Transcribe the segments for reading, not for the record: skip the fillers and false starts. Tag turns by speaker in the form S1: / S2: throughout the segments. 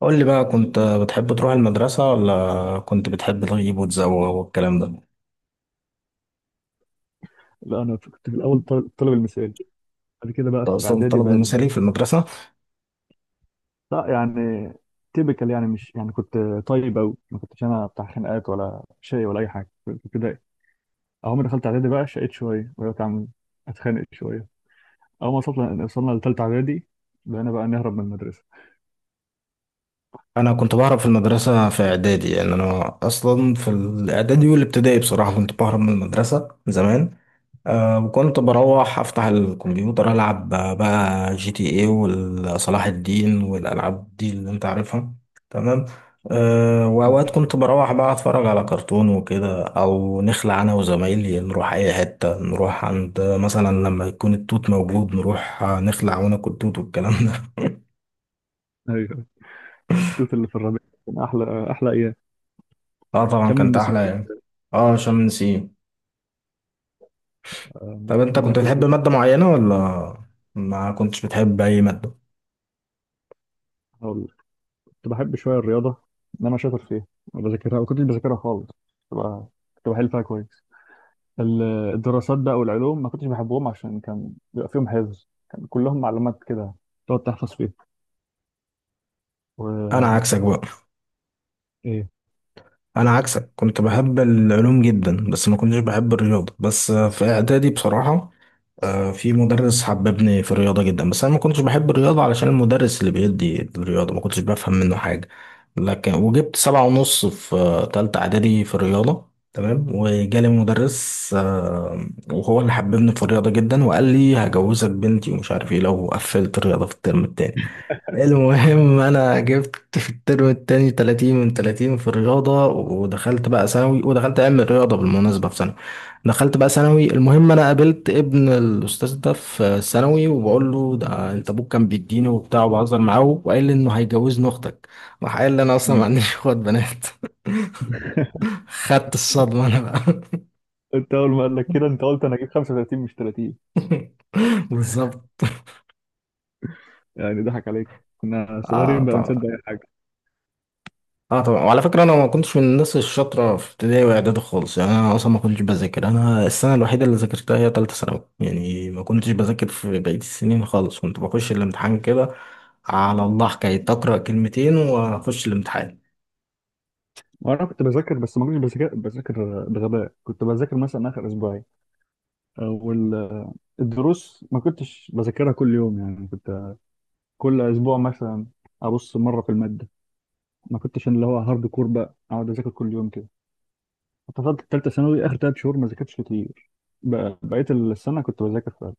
S1: قول لي بقى، كنت بتحب تروح المدرسة ولا كنت بتحب تغيب وتزوغ والكلام ده؟
S2: لا انا كنت في الاول الطالب المثالي. بعد كده بقى
S1: كنت
S2: في
S1: أصلا
S2: اعدادي
S1: الطالب
S2: بقى،
S1: المثالي في المدرسة.
S2: لا يعني، تيبيكال يعني، مش يعني كنت طيب قوي. ما كنتش انا بتاع خناقات ولا شيء ولا اي حاجه، كنت كده. اول ما دخلت اعدادي بقى شقيت شويه وبقيت عم اتخانق شويه. اول ما وصلنا لثالثه اعدادي بقينا بقى نهرب من المدرسه.
S1: أنا كنت بعرف في المدرسة في إعدادي، يعني أنا أصلا في الإعدادي والابتدائي بصراحة كنت بهرب من المدرسة زمان. أه، وكنت بروح أفتح الكمبيوتر ألعب بقى جي تي اي وصلاح الدين والألعاب دي اللي أنت عارفها. تمام. أه، وأوقات كنت
S2: آه.
S1: بروح بقى أتفرج على كرتون وكده، أو نخلع أنا وزمايلي نروح أي حتة، نروح عند مثلا لما يكون التوت موجود نروح، نخلع وناكل توت والكلام ده.
S2: ايوه، التوت اللي في الربيع كان احلى ايام.
S1: اه طبعا،
S2: شم
S1: كانت
S2: النسيم،
S1: أحلى يعني. اه عشان نسيم. طب
S2: نروح
S1: أنت كنت
S2: ناكل
S1: بتحب
S2: توت.
S1: مادة معينة ولا ما كنتش بتحب أي مادة؟
S2: هقول لك. كنت بحب شويه الرياضه، ان انا شاطر فيها. ما بذاكرها، ما كنتش بذاكرها خالص. كنت بقى- كنت بحل فيها كويس. ال- الدراسات بقى والعلوم ما كنتش بحبهم عشان كان بيبقى فيهم حفظ، كان كلهم معلومات كده تقعد تحفظ فيها.
S1: أنا
S2: و
S1: عكسك بقى.
S2: ايه.
S1: انا عكسك، كنت بحب العلوم جدا، بس ما كنتش بحب الرياضه، بس في اعدادي بصراحه. في مدرس حببني في الرياضه جدا، بس انا ما كنتش بحب الرياضه علشان المدرس اللي بيدي الرياضه ما كنتش بفهم منه حاجه. لكن وجبت سبعة ونص في تالتة اعدادي في الرياضه، تمام، وجالي مدرس وهو اللي حببني في الرياضه جدا، وقال لي هجوزك بنتي ومش عارف ايه لو قفلت الرياضه في الترم التاني. المهم انا جبت في الترم التاني 30 من 30 في الرياضة، ودخلت بقى ثانوي، ودخلت علم الرياضة بالمناسبة في ثانوي. دخلت بقى ثانوي، المهم انا قابلت ابن الاستاذ ده في ثانوي، وبقول له ده انت ابوك كان بيديني وبتاع، وبهزر معاه، وقال لي انه هيجوزني اختك. راح قال لي انا اصلا ما
S2: مم.
S1: عنديش اخوات بنات. خدت الصدمة انا بقى.
S2: انت اول ما قال لك كده انت قلت انا اجيب 35 مش 30.
S1: بالظبط.
S2: يعني ضحك عليك، كنا
S1: اه
S2: صغيرين بقى
S1: طبعا.
S2: بنصدق اي حاجه.
S1: اه طبعا، وعلى فكره انا ما كنتش من الناس الشاطره في ابتدائي واعدادي خالص، يعني انا اصلا ما كنتش بذاكر، انا السنه الوحيده اللي ذاكرتها هي ثالثه ثانوي، يعني ما كنتش بذاكر في بقيه السنين خالص، كنت بخش الامتحان كده على الله، حكايه اقرا كلمتين واخش الامتحان.
S2: وانا كنت بذاكر، بس ما كنتش بذاكر، بذاكر بغباء. كنت بذاكر مثلا اخر اسبوعين، والدروس ما كنتش بذاكرها كل يوم. يعني كنت كل اسبوع مثلا ابص مره في الماده. ما كنتش اللي هو هارد كور بقى اقعد اذاكر كل يوم. اتفضلت في ثالثه ثانوي اخر ثلاث شهور ما ذاكرتش كتير. بقيت السنه كنت بذاكر فعلا،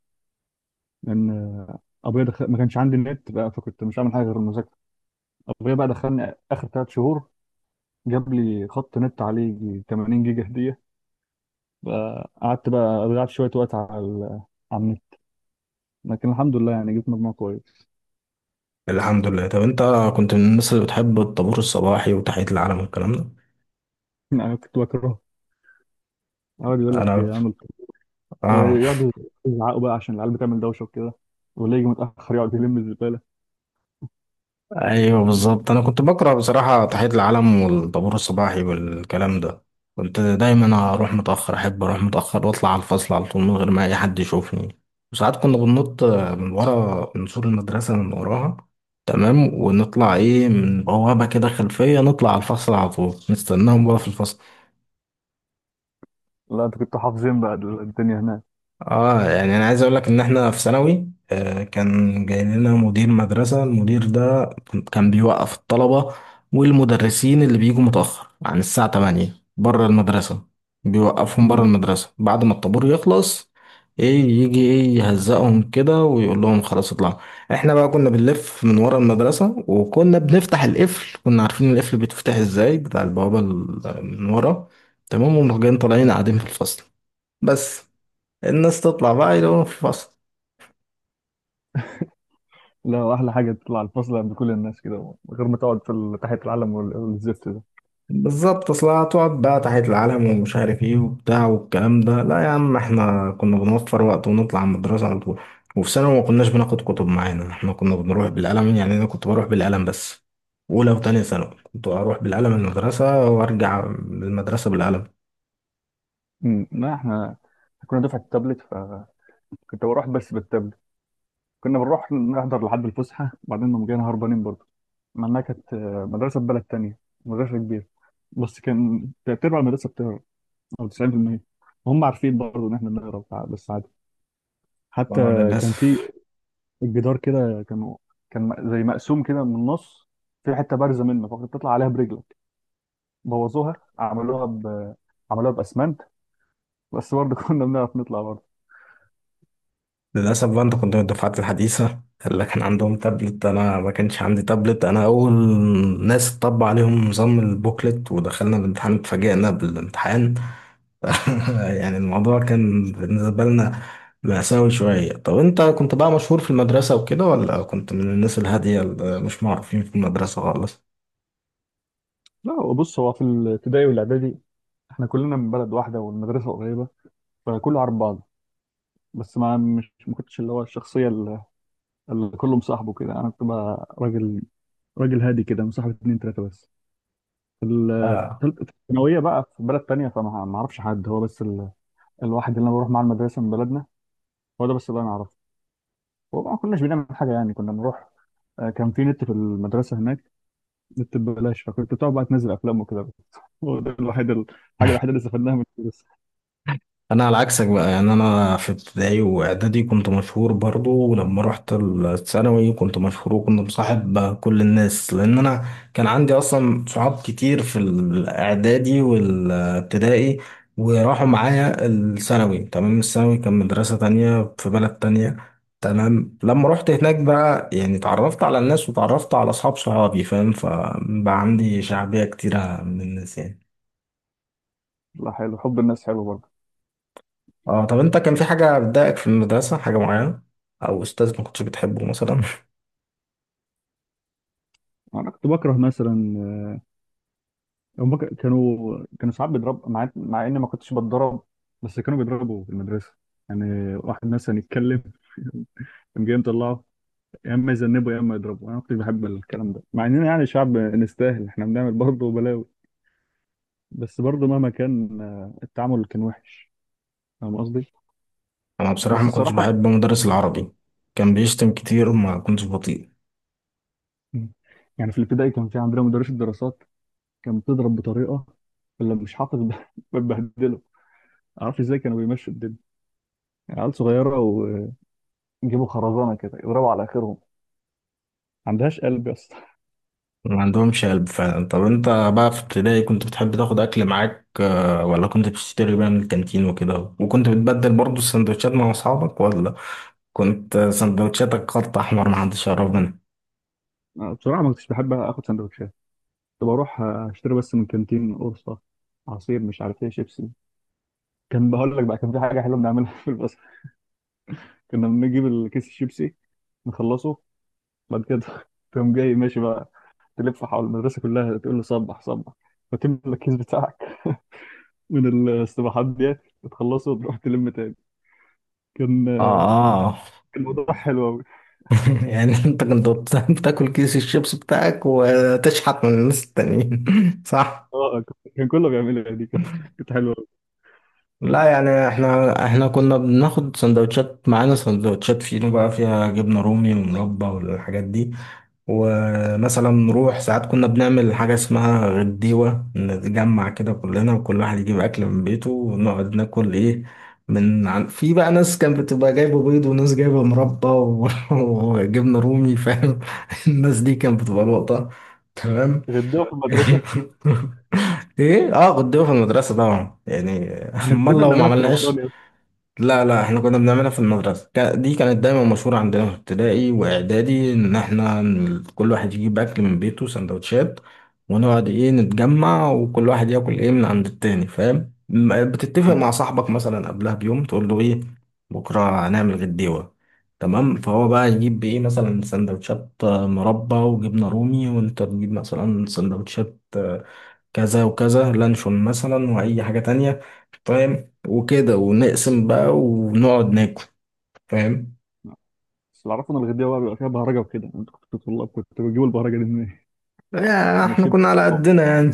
S2: لان ابويا دخل... ما كانش عندي النت بقى، فكنت مش عامل حاجه غير المذاكره. ابويا بقى دخلني اخر ثلاث شهور، جاب لي خط نت عليه يجي 80 جيجا هديه. بقى قعدت بقى ضيعت شويه وقت على على النت، لكن الحمد لله يعني جبت مجموع كويس.
S1: الحمد لله. طب انت كنت من الناس اللي بتحب الطابور الصباحي وتحيه العلم والكلام ده.
S2: يعني كنت بكرهه. يقعد يقول لك
S1: انا،
S2: اعمل كده،
S1: اه.
S2: ويقعدوا يزعقوا بقى عشان العيال بتعمل دوشه وكده، واللي يجي متاخر يقعد يلم الزباله.
S1: ايوه بالظبط، انا كنت بقرا بصراحه تحيه العلم والطابور الصباحي والكلام ده. كنت دايما اروح متاخر، احب اروح متاخر واطلع على الفصل على طول من غير ما اي حد يشوفني. وساعات كنا بننط من ورا، من سور المدرسه من وراها، تمام، ونطلع ايه من بوابه كده خلفيه، نطلع على الفصل على طول، نستناهم بقى في الفصل.
S2: لا انت كنت حافظين بقى الدنيا هناك.
S1: اه، يعني انا عايز اقول لك ان احنا في ثانوي، آه، كان جاي لنا مدير مدرسة. المدير ده كان بيوقف الطلبة والمدرسين اللي بيجوا متأخر عن الساعة 8 بره المدرسة. بيوقفهم بره المدرسة بعد ما الطابور يخلص، ايه يجي ايه يهزقهم كده ويقول لهم خلاص اطلعوا. احنا بقى كنا بنلف من ورا المدرسة، وكنا بنفتح القفل، كنا عارفين القفل بيتفتح ازاي، بتاع البوابة ال- من ورا. تمام، ومجان طالعين
S2: مم.
S1: قاعدين في الفصل. بس الناس تطلع بقى يلاقوهم في فصل.
S2: لا، احلى حاجه تطلع الفصل عند كل الناس كده من غير ما تقعد في تحت العلم والزفت ده.
S1: بالظبط، اصل هتقعد بقى تحية العلم ومش عارف ايه وبتاع والكلام ده. لا يا عم، احنا كنا بنوفر وقت ونطلع من الدراسة على طول. وفي ثانوي ما كناش بناخد كتب معانا، احنا كنا بنروح بالقلم، يعني انا كنت بروح بالقلم بس. اولى وتانية ثانوي كنت اروح بالقلم المدرسة وارجع من المدرسة بالقلم.
S2: أمم، لا احنا كنا دفعه التابلت، فكنت بروح بس بالتابلت. كنا بنروح نحضر لحد الفسحه وبعدين نقوم جايين هربانين برضه. مع انها كانت مدرسه في بلد تانية، مدرسه كبيره. بس كان تلات ارباع المدرسه بتهرب، او 90%. وهم عارفين برضه ان احنا بنهرب، بس عادي. حتى
S1: اه
S2: كان في
S1: للاسف.
S2: الجدار كده زي مقسوم كده من النص، في حته بارزه منه فكنت تطلع عليها برجلك. بوظوها، عملوها ب... عملوها باسمنت، بس برضه كنا بنعرف نطلع برضه.
S1: للأسف بقى، أنت كنت من الدفعات الحديثة اللي كان عندهم تابلت، أنا ما كانش عندي تابلت، أنا أول ناس طبق عليهم نظام البوكلت، ودخلنا الامتحان اتفاجئنا بالامتحان. يعني الموضوع كان بالنسبة لنا مأساوي شوية. طب أنت كنت بقى مشهور في المدرسة وكده، ولا كنت من الناس الهادية اللي مش معروفين في المدرسة خالص؟
S2: لا هو بص، هو في الابتدائي والاعدادي احنا كلنا من بلد واحده والمدرسه قريبه، فكله عارف بعض. بس ما مش ما كنتش اللي هو الشخصيه اللي كله مصاحبه كده. انا كنت بقى راجل، راجل هادي، كده مصاحب اتنين تلاته بس. في
S1: آه.
S2: الثالثه الثانويه بقى في بلد تانيه، فما ما اعرفش حد. هو بس الواحد اللي انا بروح معاه المدرسه من بلدنا، هو ده بس اللي انا اعرفه. وما كناش بنعمل حاجه، يعني كنا بنروح. كان في نت في المدرسه هناك، النت ببلاش، فكنت بتقعد بقى تنزل افلام وكده بس. هو ده الوحيد، الحاجه الوحيده اللي استفدناها من الدرس.
S1: انا على عكسك بقى، يعني انا في ابتدائي واعدادي كنت مشهور برضو، ولما رحت الثانوي كنت مشهور، وكنت مصاحب كل الناس، لان انا كان عندي اصلا صحاب كتير في الاعدادي والابتدائي، وراحوا معايا الثانوي. تمام، الثانوي كان مدرسة تانية في بلد تانية. تمام، لما رحت هناك بقى يعني اتعرفت على الناس، وتعرفت على اصحاب صحابي، فاهم؟ فبقى عندي شعبية كتيرة من الناس يعني.
S2: لا حلو، حب الناس حلو برضه.
S1: اه. طب انت كان في حاجة بتضايقك في المدرسة، حاجة معينة او استاذ ما كنتش بتحبه مثلا؟
S2: انا كنت بكره مثلا، هم كانوا ساعات بيضرب، مع اني ما كنتش بتضرب، بس كانوا بيضربوا في المدرسه. يعني واحد مثلا يتكلم كان جاي مطلعه، يا اما يذنبه يا اما يضربه. انا ما كنتش بحب الكلام ده، مع اننا يعني شعب نستاهل، احنا بنعمل برضه بلاوي، بس برضه مهما كان التعامل كان وحش. فاهم قصدي.
S1: انا بصراحة
S2: بس
S1: ما كنتش
S2: الصراحه،
S1: بحب مدرس العربي، كان بيشتم كتير وما كنتش بطيء.
S2: يعني في الابتدائي كان في عندنا مدرس الدراسات كان بتضرب بطريقه اللي مش حاطط بتبهدله. معرفش ازاي كانوا بيمشوا الدنيا، يعني عيال صغيره ويجيبوا خرزانه كده يضربوا على اخرهم. ما عندهاش قلب يا اسطى.
S1: ما عندهمش قلب فعلا. طب انت بقى في ابتدائي كنت بتحب تاخد اكل معاك، ولا كنت بتشتري بقى من الكانتين وكده، وكنت بتبدل برضو السندوتشات مع اصحابك، ولا كنت سندوتشاتك خط احمر ما حدش يعرف منها؟
S2: أنا بصراحه ما كنتش بحب اخد سندوتشات، كنت بروح اشتري بس من كانتين، قرصه، عصير، مش عارف ايه، شيبسي. كان بقول لك بقى، كان في حاجه حلوه بنعملها في البصر، كنا بنجيب الكيس الشيبسي نخلصه، بعد كده تقوم جاي ماشي بقى تلف حول المدرسه كلها تقول له صبح صبح، وتملى الكيس بتاعك من الاستباحات ديت، وتخلصه وتروح تلم تاني. كان
S1: اه اه.
S2: كان موضوع حلو قوي.
S1: يعني انت كنت بتاكل كيس الشيبس بتاعك وتشحت من الناس التانيين؟ صح.
S2: اه كان كله بيعملها دي، كانت حلوه قوي.
S1: لا يعني احنا، كنا بناخد سندوتشات معانا، سندوتشات فينو بقى فيها جبنة رومي ومربى والحاجات دي. ومثلا نروح ساعات كنا بنعمل حاجة اسمها غديوة، نتجمع كده كلنا وكل واحد يجيب أكل من بيته، ونقعد ناكل ايه من في بقى ناس كانت بتبقى جايبة بيض، وناس جايبة مربى و... وجبنة رومي، فاهم؟ الناس دي كانت بتبقى لقطة. تمام.
S2: غديوه في المدرسه.
S1: ايه اه، غديوة في المدرسة طبعا يعني،
S2: احنا
S1: امال
S2: كنا
S1: لو ما
S2: بنعملها في رمضان
S1: عملناش.
S2: يا اسطى.
S1: لا لا، احنا كنا بنعملها في المدرسة، دي كانت دايما مشهورة عندنا في ابتدائي واعدادي، ان احنا كل واحد يجيب اكل من بيته سندوتشات، ونقعد ايه نتجمع، وكل واحد ياكل ايه من عند التاني، فاهم؟ بتتفق مع صاحبك مثلا قبلها بيوم تقول له ايه، بكرة هنعمل غديوة. تمام، فهو بقى يجيب ايه مثلا سندوتشات مربى وجبنة رومي، وانت تجيب مثلا سندوتشات كذا وكذا، لانشون مثلا، واي حاجة تانية، فاهم؟ وكده، ونقسم بقى ونقعد ناكل، فاهم؟
S2: بس اللي اعرفه ان الغديوه بقى بيبقى فيها بهرجه وكده، انتوا كنتوا طلاب، كنتوا بتجيبوا البهرجه دي منين؟
S1: يعني
S2: يعني
S1: احنا
S2: شيبسي
S1: كنا على
S2: بقى،
S1: قدنا يعني.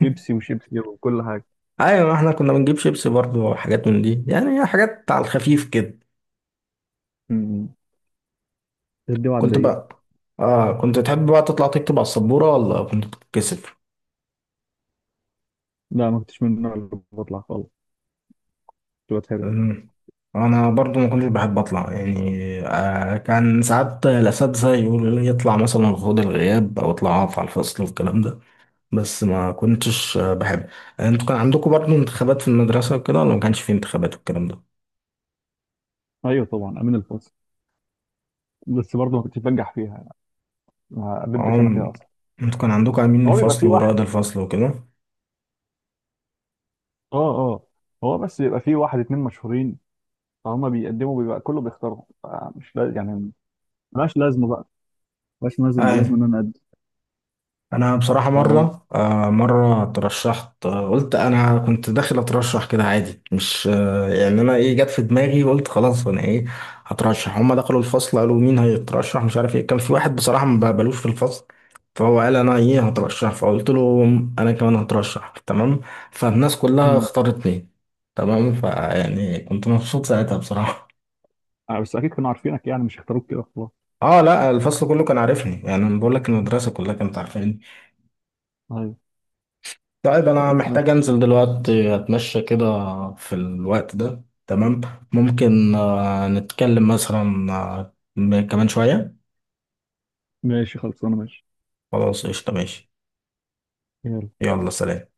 S2: بيبسي وشيبسي وكل حاجه.
S1: ايوه، ما احنا كنا بنجيب شيبسي برضو وحاجات من دي، يعني حاجات على الخفيف كده.
S2: امم. غديوه على
S1: كنت
S2: الضيق.
S1: بقى، اه كنت تحب بقى تطلع تكتب على السبورة، ولا كنت بتتكسف؟
S2: لا ما كنتش من النوع اللي بطلع خالص، كنت بتهرب.
S1: أمم. انا برضو ما كنتش بحب اطلع يعني. آه، كان ساعات الاساتذه يقولوا لي يطلع مثلا خد الغياب، او اطلع اقف على الفصل والكلام ده، بس ما كنتش بحب. انتوا كان عندكم برضو انتخابات في المدرسه وكده، ولا ما كانش في انتخابات والكلام ده؟
S2: ايوه طبعا، امين الفصل، بس برضه ما كنتش بنجح فيها، ما قدمتش انا فيها
S1: عم.
S2: اصلا.
S1: انتوا كان عندكم امين
S2: هو بيبقى
S1: الفصل
S2: في واحد.
S1: ورائد الفصل وكده؟
S2: اه اه، هو بس بيبقى في واحد اتنين مشهورين، فهم بيقدموا، بيبقى كله بيختارهم، فمش لا يعني، ملهاش لازمه بقى، ملهاش
S1: اي.
S2: لازمه لازم ان انا اقدم.
S1: انا بصراحه
S2: فاهم قصدي؟
S1: مره، مره اترشحت، قلت انا كنت داخل اترشح كده عادي، مش يعني انا ايه جت في دماغي وقلت خلاص انا ايه هترشح. هما دخلوا الفصل قالوا مين هيترشح مش عارف ايه، كان في واحد بصراحه ما بقبلوش في الفصل، فهو قال انا ايه هترشح، فقلت له انا كمان هترشح. تمام، فالناس كلها
S2: مم.
S1: اختارتني. تمام، فيعني كنت مبسوط ساعتها بصراحه.
S2: آه، بس اكيد كانوا عارفينك، يعني مش اختاروك كده خلاص.
S1: اه لا، الفصل كله كان عارفني، يعني انا بقول لك المدرسه كلها كانت عارفاني.
S2: ايوه.
S1: طيب انا
S2: خلاص
S1: محتاج
S2: ماشي.
S1: انزل دلوقتي اتمشى كده في الوقت ده، تمام؟ ممكن نتكلم مثلا كمان شويه.
S2: ماشي خلاص انا ماشي.
S1: خلاص قشطه، ماشي.
S2: يلا.
S1: يلا سلام.